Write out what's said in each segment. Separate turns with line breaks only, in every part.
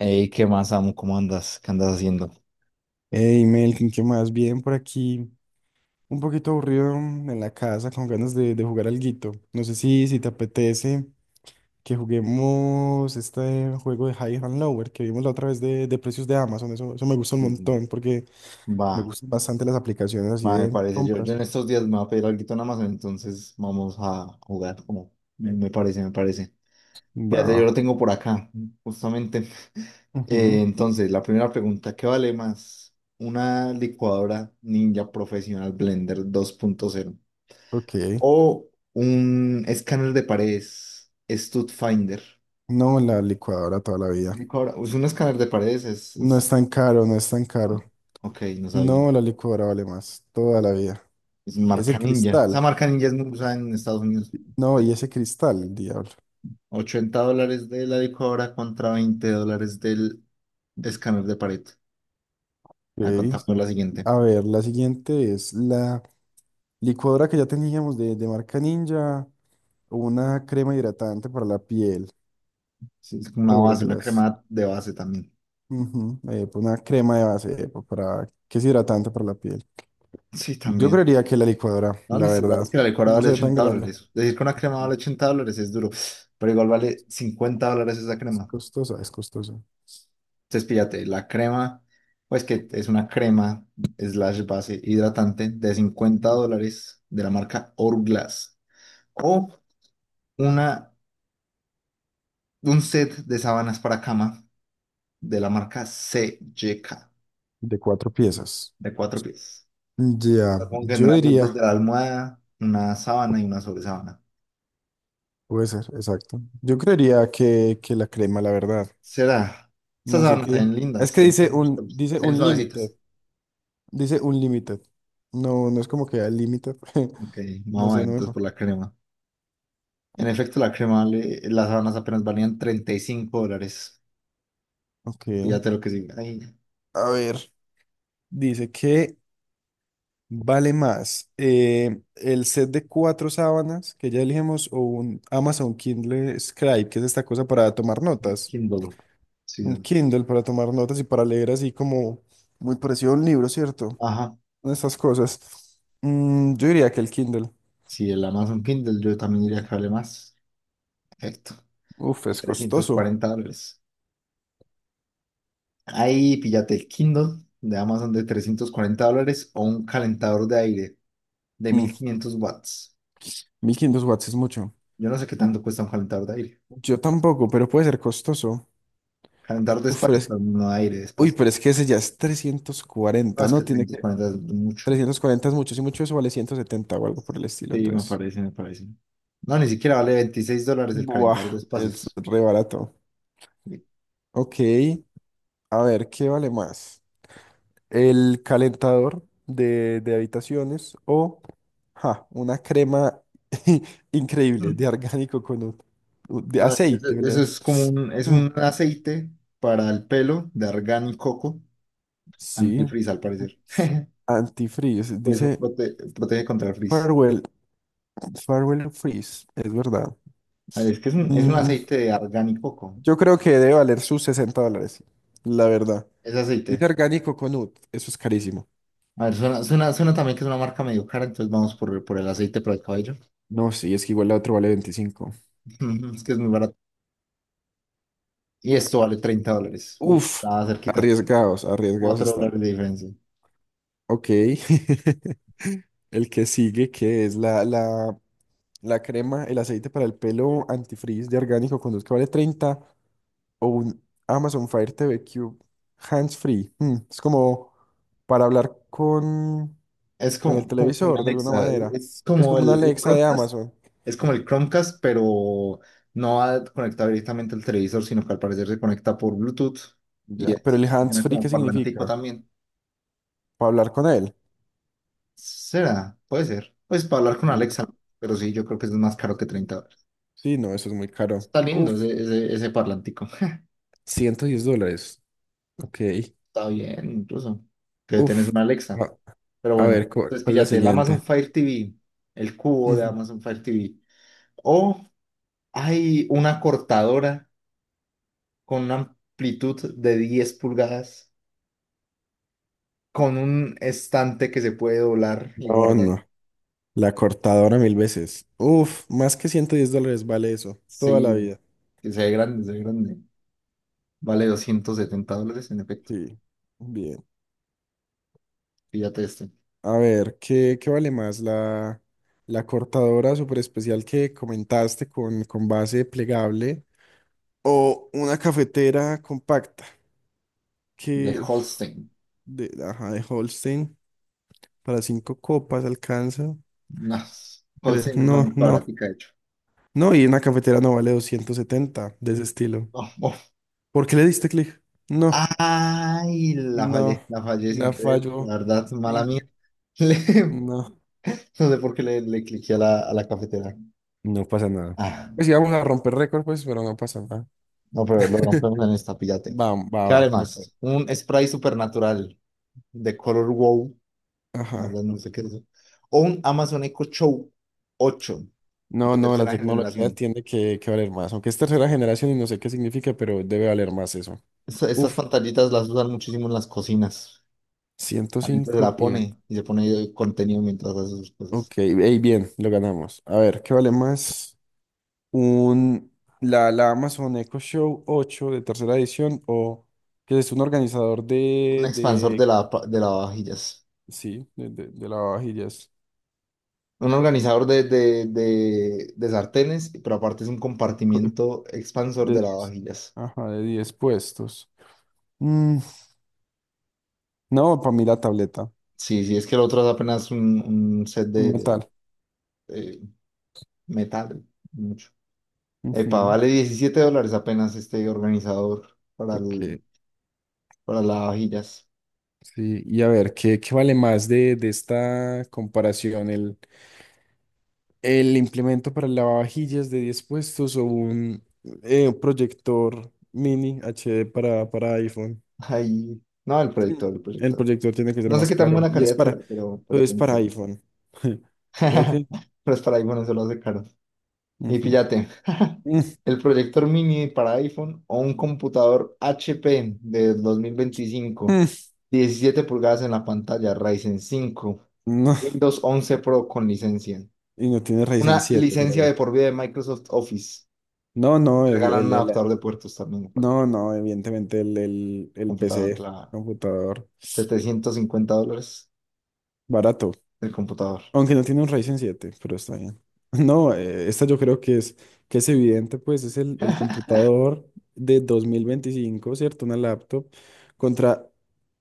Ey, ¿qué más, amo? ¿Cómo andas? ¿Qué andas haciendo?
Hey, Melkin, ¿qué más? Bien por aquí. Un poquito aburrido en la casa, con ganas de jugar alguito. No sé si te apetece que juguemos este juego de High and Lower que vimos la otra vez de precios de Amazon. Eso me gusta un
Sí, sí.
montón porque
Va,
me gustan bastante las aplicaciones así
va, me
de
parece. Yo
compras.
en estos días me voy a pedir algo en Amazon, entonces vamos a jugar como me parece, me parece. Fíjate, yo
Va.
lo tengo por acá, justamente.
Ujú.
Entonces, la primera pregunta, ¿qué vale más? ¿Una licuadora Ninja Profesional Blender 2.0
Ok.
o un escáner de paredes StudFinder?
No, la licuadora toda la vida.
Es un escáner de paredes,
No es tan caro, no es tan caro.
¿no? Ok, no sabía.
No, la licuadora vale más, toda la vida.
Es
Ese
marca Ninja. Esa
cristal.
marca Ninja es muy usada en Estados Unidos.
No, y
De
ese cristal, el diablo.
$80 de la licuadora contra $20 del escáner de pared.
Ok.
A contar con la siguiente.
A ver, la siguiente es la licuadora que ya teníamos de marca Ninja, una crema hidratante para la piel,
Sí, es una base, una
Hourglass.
crema de base también.
Ujú, pues una crema de base para, que es hidratante para la piel.
Sí,
Yo
también.
creería que la licuadora,
No,
la verdad,
es que la licuadora
no
vale
se ve tan
80
grande.
dólares. Decir que una crema vale $80 es duro. Pero igual vale $50 esa
Es
crema.
costosa, es costosa.
Entonces, píllate, la crema, pues que es una crema slash base hidratante de cincuenta
Ujú.
dólares de la marca Hourglass. O Una, un set de sábanas para cama de la marca CJK
De cuatro piezas.
de cuatro pies.
Ya,
Supongo que
yo
tendrán los dos
diría,
de la almohada, una sábana y una sobresábana.
puede ser, exacto. Yo creería que la crema, la verdad.
Será. Estas
No sé
sábanas se
qué.
ven lindas,
Es que dice dice
se
un...
ven suavecitas.
Dice Unlimited. No, no es como que al límite.
Ok,
No
vamos a
sé,
ver
no me...
entonces por la crema. En efecto, la crema, las sábanas apenas valían $35.
Ok.
Fíjate lo que sí. Ay,
A ver, dice que vale más el set de cuatro sábanas que ya elegimos o un Amazon Kindle Scribe, que es esta cosa para tomar notas.
Kindle. Sí,
Un
es-
Kindle para tomar notas y para leer así como muy parecido a un libro, ¿cierto?
ajá.
Estas cosas. Yo diría que el Kindle.
Si el Amazon Kindle, yo también diría que vale más. Perfecto.
Uf, es
trescientos
costoso.
cuarenta dólares. Ahí píllate el Kindle de Amazon de $340 o un calentador de aire de
Mm,
1500 watts.
1500 watts es mucho.
Yo no sé qué tanto cuesta un calentador de aire.
Yo tampoco, pero puede ser costoso.
Calentador de
Uf, pero
espacio,
es
pero no de aire, de
Uy,
espacio.
pero es que ese ya es trescientos cuarenta,
Más que
¿no? Tiene que...
340 es mucho.
340 es mucho, si mucho eso vale 170 o algo por el estilo,
Sí, me
entonces...
parece, me parece. No, ni siquiera vale $26 el
Buah,
calentador de
es
espacios.
re barato. Ok, a ver, ¿qué vale más? ¿El calentador de habitaciones o ja, una crema increíble
Hmm.
de orgánico con un de
No, eso,
aceite,
eso
¿verdad?
es es
Mm.
un aceite para el pelo de argán y coco,
Sí,
antifrizz al parecer.
antifreeze,
Pues
dice.
protege contra el frizz.
Farewell, Farewell Freeze, es verdad.
A ver, es que es un
Mm.
aceite de argán y coco.
Yo creo que debe valer sus 60 dólares, la verdad.
Es
Dice
aceite.
orgánico con UT, eso es carísimo.
A ver, suena también que es una marca medio cara, entonces vamos por el aceite para el cabello.
No, sí, es que igual la otra vale veinticinco.
Es que es muy barato. Y esto vale $30. Uf,
Uf,
está cerquita.
arriesgados, arriesgados
cuatro
están.
dólares de diferencia.
Ok. El que sigue, que es la crema, el aceite para el pelo antifreeze de orgánico con UT que vale 30 o un Amazon Fire TV Cube hands free. Es como para hablar
Es
con el
como con
televisor de alguna
Alexa.
manera.
Es
Es
como
como una
el
Alexa de
Chromecast.
Amazon.
Es como el Chromecast, pero no va conectado directamente al televisor, sino que al parecer se conecta por Bluetooth.
Ya, pero el hands
Funciona
free,
como
¿qué
parlantico
significa?
también.
¿Para hablar con él?
Será, puede ser. Pues para hablar con
Mm,
Alexa, pero sí, yo creo que es más caro que
sí.
$30.
Sí, no, eso es muy caro.
Está
Uf,
lindo ese parlantico.
110 dólares. Ok.
Está bien, incluso. Que tenés
Uf.
una Alexa.
A,
Pero
a ver,
bueno, entonces
¿cuál es la
píllate el Amazon
siguiente?
Fire TV, el cubo de
Ujú.
Amazon Fire TV. O hay una cortadora con una amplitud de 10 pulgadas, con un estante que se puede doblar y
No,
guardar.
no. La cortadora mil veces. Uf, más que 110 dólares vale eso. Toda la
Sí,
vida.
que se ve grande, se ve grande. Vale $270 en efecto.
Sí. Bien.
Píllate este.
A ver, ¿qué, qué vale más? La cortadora super especial que comentaste con base plegable o una cafetera compacta.
De
Que, uf.
Holstein.
De, ajá, de Holstein para cinco copas alcanza,
No,
creo.
Holstein es la
No,
más
no.
barata, de hecho.
No, y una cafetera no vale 270 de ese estilo.
Oh, oh.
¿Por qué le diste clic? No,
Ay,
no.
la fallé sin
La
creer,
falló.
la verdad, mala
Sí.
mía. Le-
No.
no sé por qué le cliqué a a la cafetera.
No pasa nada.
Ah,
Pues íbamos a romper récord, pues, pero no pasa nada.
no, pero lo rompemos en esta, píllate.
Va, va,
¿Qué vale
va, me parece.
más? Un spray supernatural de color wow, la
Ajá.
verdad no sé qué es eso. O un Amazon Echo Show 8
No,
de
no, la
tercera
tecnología
generación.
tiene que valer más. Aunque es tercera generación y no sé qué significa, pero debe valer más eso.
Estas
Uf,
pantallitas las usan muchísimo en las cocinas.
ciento
A mí se
cinco
la
y...
pone y se pone contenido mientras hace sus cosas.
Ok, ey, bien, lo ganamos. A ver, ¿qué vale más? Un, la Amazon Echo Show 8 de tercera edición o que es un organizador
Un
de,
expansor
de
de lavavajillas.
sí, de lavavajillas,
Un organizador de sartenes, pero aparte es un
co-
compartimiento expansor
de
de
10,
lavavajillas.
ajá, de 10 puestos. Mm, no, para mí la tableta.
Sí, sí, es que el otro es apenas un set
Como tal.
eh, metal. Mucho. Epa,
Ujú.
vale $17 apenas este organizador para,
Ok,
el, para lavavajillas.
sí. Y a ver, ¿qué, qué vale más de esta comparación? El implemento para el lavavajillas de 10 puestos o un proyector mini HD para iPhone.
Ahí. No, el proyector, el
El
proyector.
proyector tiene que ser
No sé
más
qué tan
caro
buena
y
calidad será, pero
es
tiene
para iPhone. O sea que,
Pero es para iPhone, eso lo hace caro. Y
ujú.
fíjate,
Mm,
el proyector mini para iPhone o un computador HP de 2025
mm.
17 pulgadas en la pantalla, Ryzen 5
No,
Windows 11 Pro con licencia,
y no tiene Ryzen
una
siete, pero
licencia de
bueno.
por vida de Microsoft Office.
No, no,
Te regalan un adaptador de puertos también para el
no, no, evidentemente el
computador,
PC,
claro.
computador,
$750
barato.
el computador.
Aunque no tiene un Ryzen siete, pero está bien. No, esta yo creo que es evidente, pues es el computador de dos mil veinticinco, ¿cierto? Una laptop contra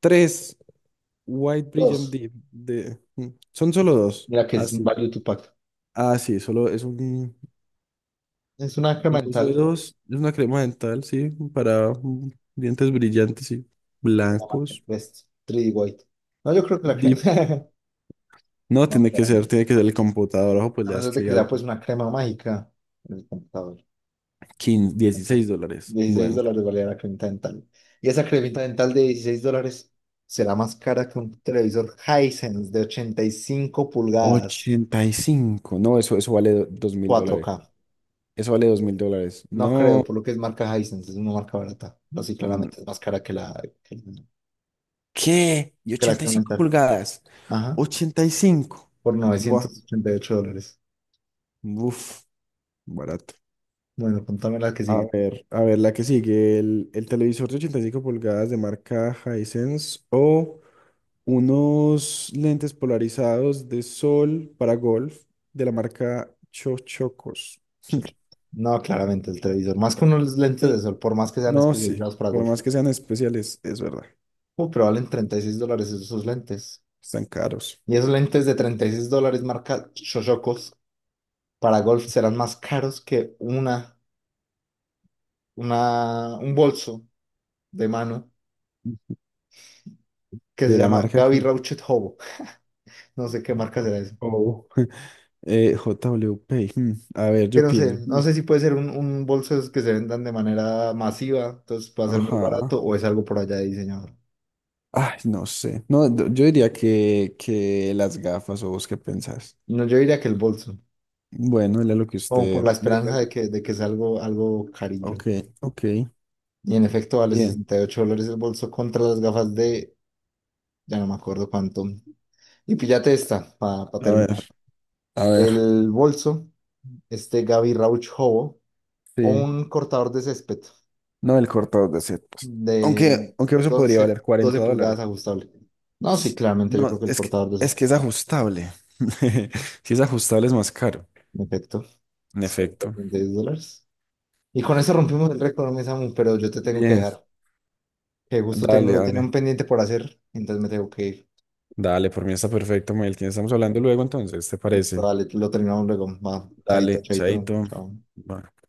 tres White Brilliant
Dos,
Deep de... mm, son solo dos.
mira que es un
Así.
value to pack.
Ah, sí, solo es
Es una
un curso de
incremental
dos. Es una crema dental, sí, para dientes brillantes y
de la marca
blancos.
Crest 3D White. No, yo creo que la crema.
Deep. No,
No, claramente.
tiene que ser el computador. Ojo, pues
A
le
no
das
ser de
clic
que
a
sea
lo que...
pues una crema mágica en el computador.
15, 16
Entonces,
dólares.
16
Bueno.
dólares valía la cremita dental. Y esa cremita dental de $16 será más cara que un televisor Hisense de 85 pulgadas
85, no, eso vale dos mil
4K.
dólares. Eso vale dos mil dólares.
No creo,
No.
por lo que es marca Hisense, es una marca barata. No, sí,
Mm.
claramente es más cara que que la,
¿Qué? ¿Y
que la
ochenta y
crema
cinco
dental.
pulgadas?
Ajá,
Ochenta y cinco,
por
buah.
$988.
Uf, barato.
Bueno, contame la que sigue,
A ver, la que sigue. El televisor de 85 pulgadas de marca Hisense o unos lentes polarizados de sol para golf de la marca Chochocos.
muchacho. No, claramente el televisor. Más con unos lentes de
Sí.
sol, por más que sean
No, sí.
especializados para
Por
golf.
más que sean especiales, es verdad.
Pero valen $36 esos lentes.
Están caros.
Y esos lentes de $36 marca Shoshokos para golf serán más caros que un bolso de mano que se
De la
llama
marca que...
Gaby Rauchet Hobo. No sé qué marca
Oh.
será eso.
Oh, JWP. Hmm. A ver,
Que
yo pienso. Hmm.
no sé si puede ser un bolso de esos que se vendan de manera masiva, entonces puede ser muy
Ajá.
barato o es algo por allá de diseñador.
Ay, no sé. No, yo diría que las gafas o vos qué pensás.
No, yo diría que el bolso,
Bueno, era lo que
como por
usted...
la
le diga.
esperanza de de que sea algo, algo carillo.
Ok, ok.
Y en efecto vale
Bien.
$68 el bolso contra las gafas de ya no me acuerdo cuánto. Y píllate esta, para
A ver,
terminar.
a ver.
El bolso, este Gaby Rauchovo, o
Sí.
un cortador de césped
No, el cortador de setas.
de
Aunque, aunque eso podría
11,
valer
12
40
pulgadas
dólares.
ajustable. No, sí, claramente yo creo
No,
que el
es que,
cortador de
es que
césped.
es ajustable. Si es ajustable es más caro.
En efecto,
En efecto.
$136. Y con eso rompimos el récord, mi Samu, pero yo te tengo que
Bien,
dejar. Que justo
dale,
tengo, tenía un
dale.
pendiente por hacer, entonces me tengo que ir.
Dale, por mí está perfecto, Melkin. Estamos hablando luego entonces, ¿te
Listo,
parece?
dale, lo terminamos luego. Va, chaito,
Dale,
chaito,
chaito.
chao.
Bye.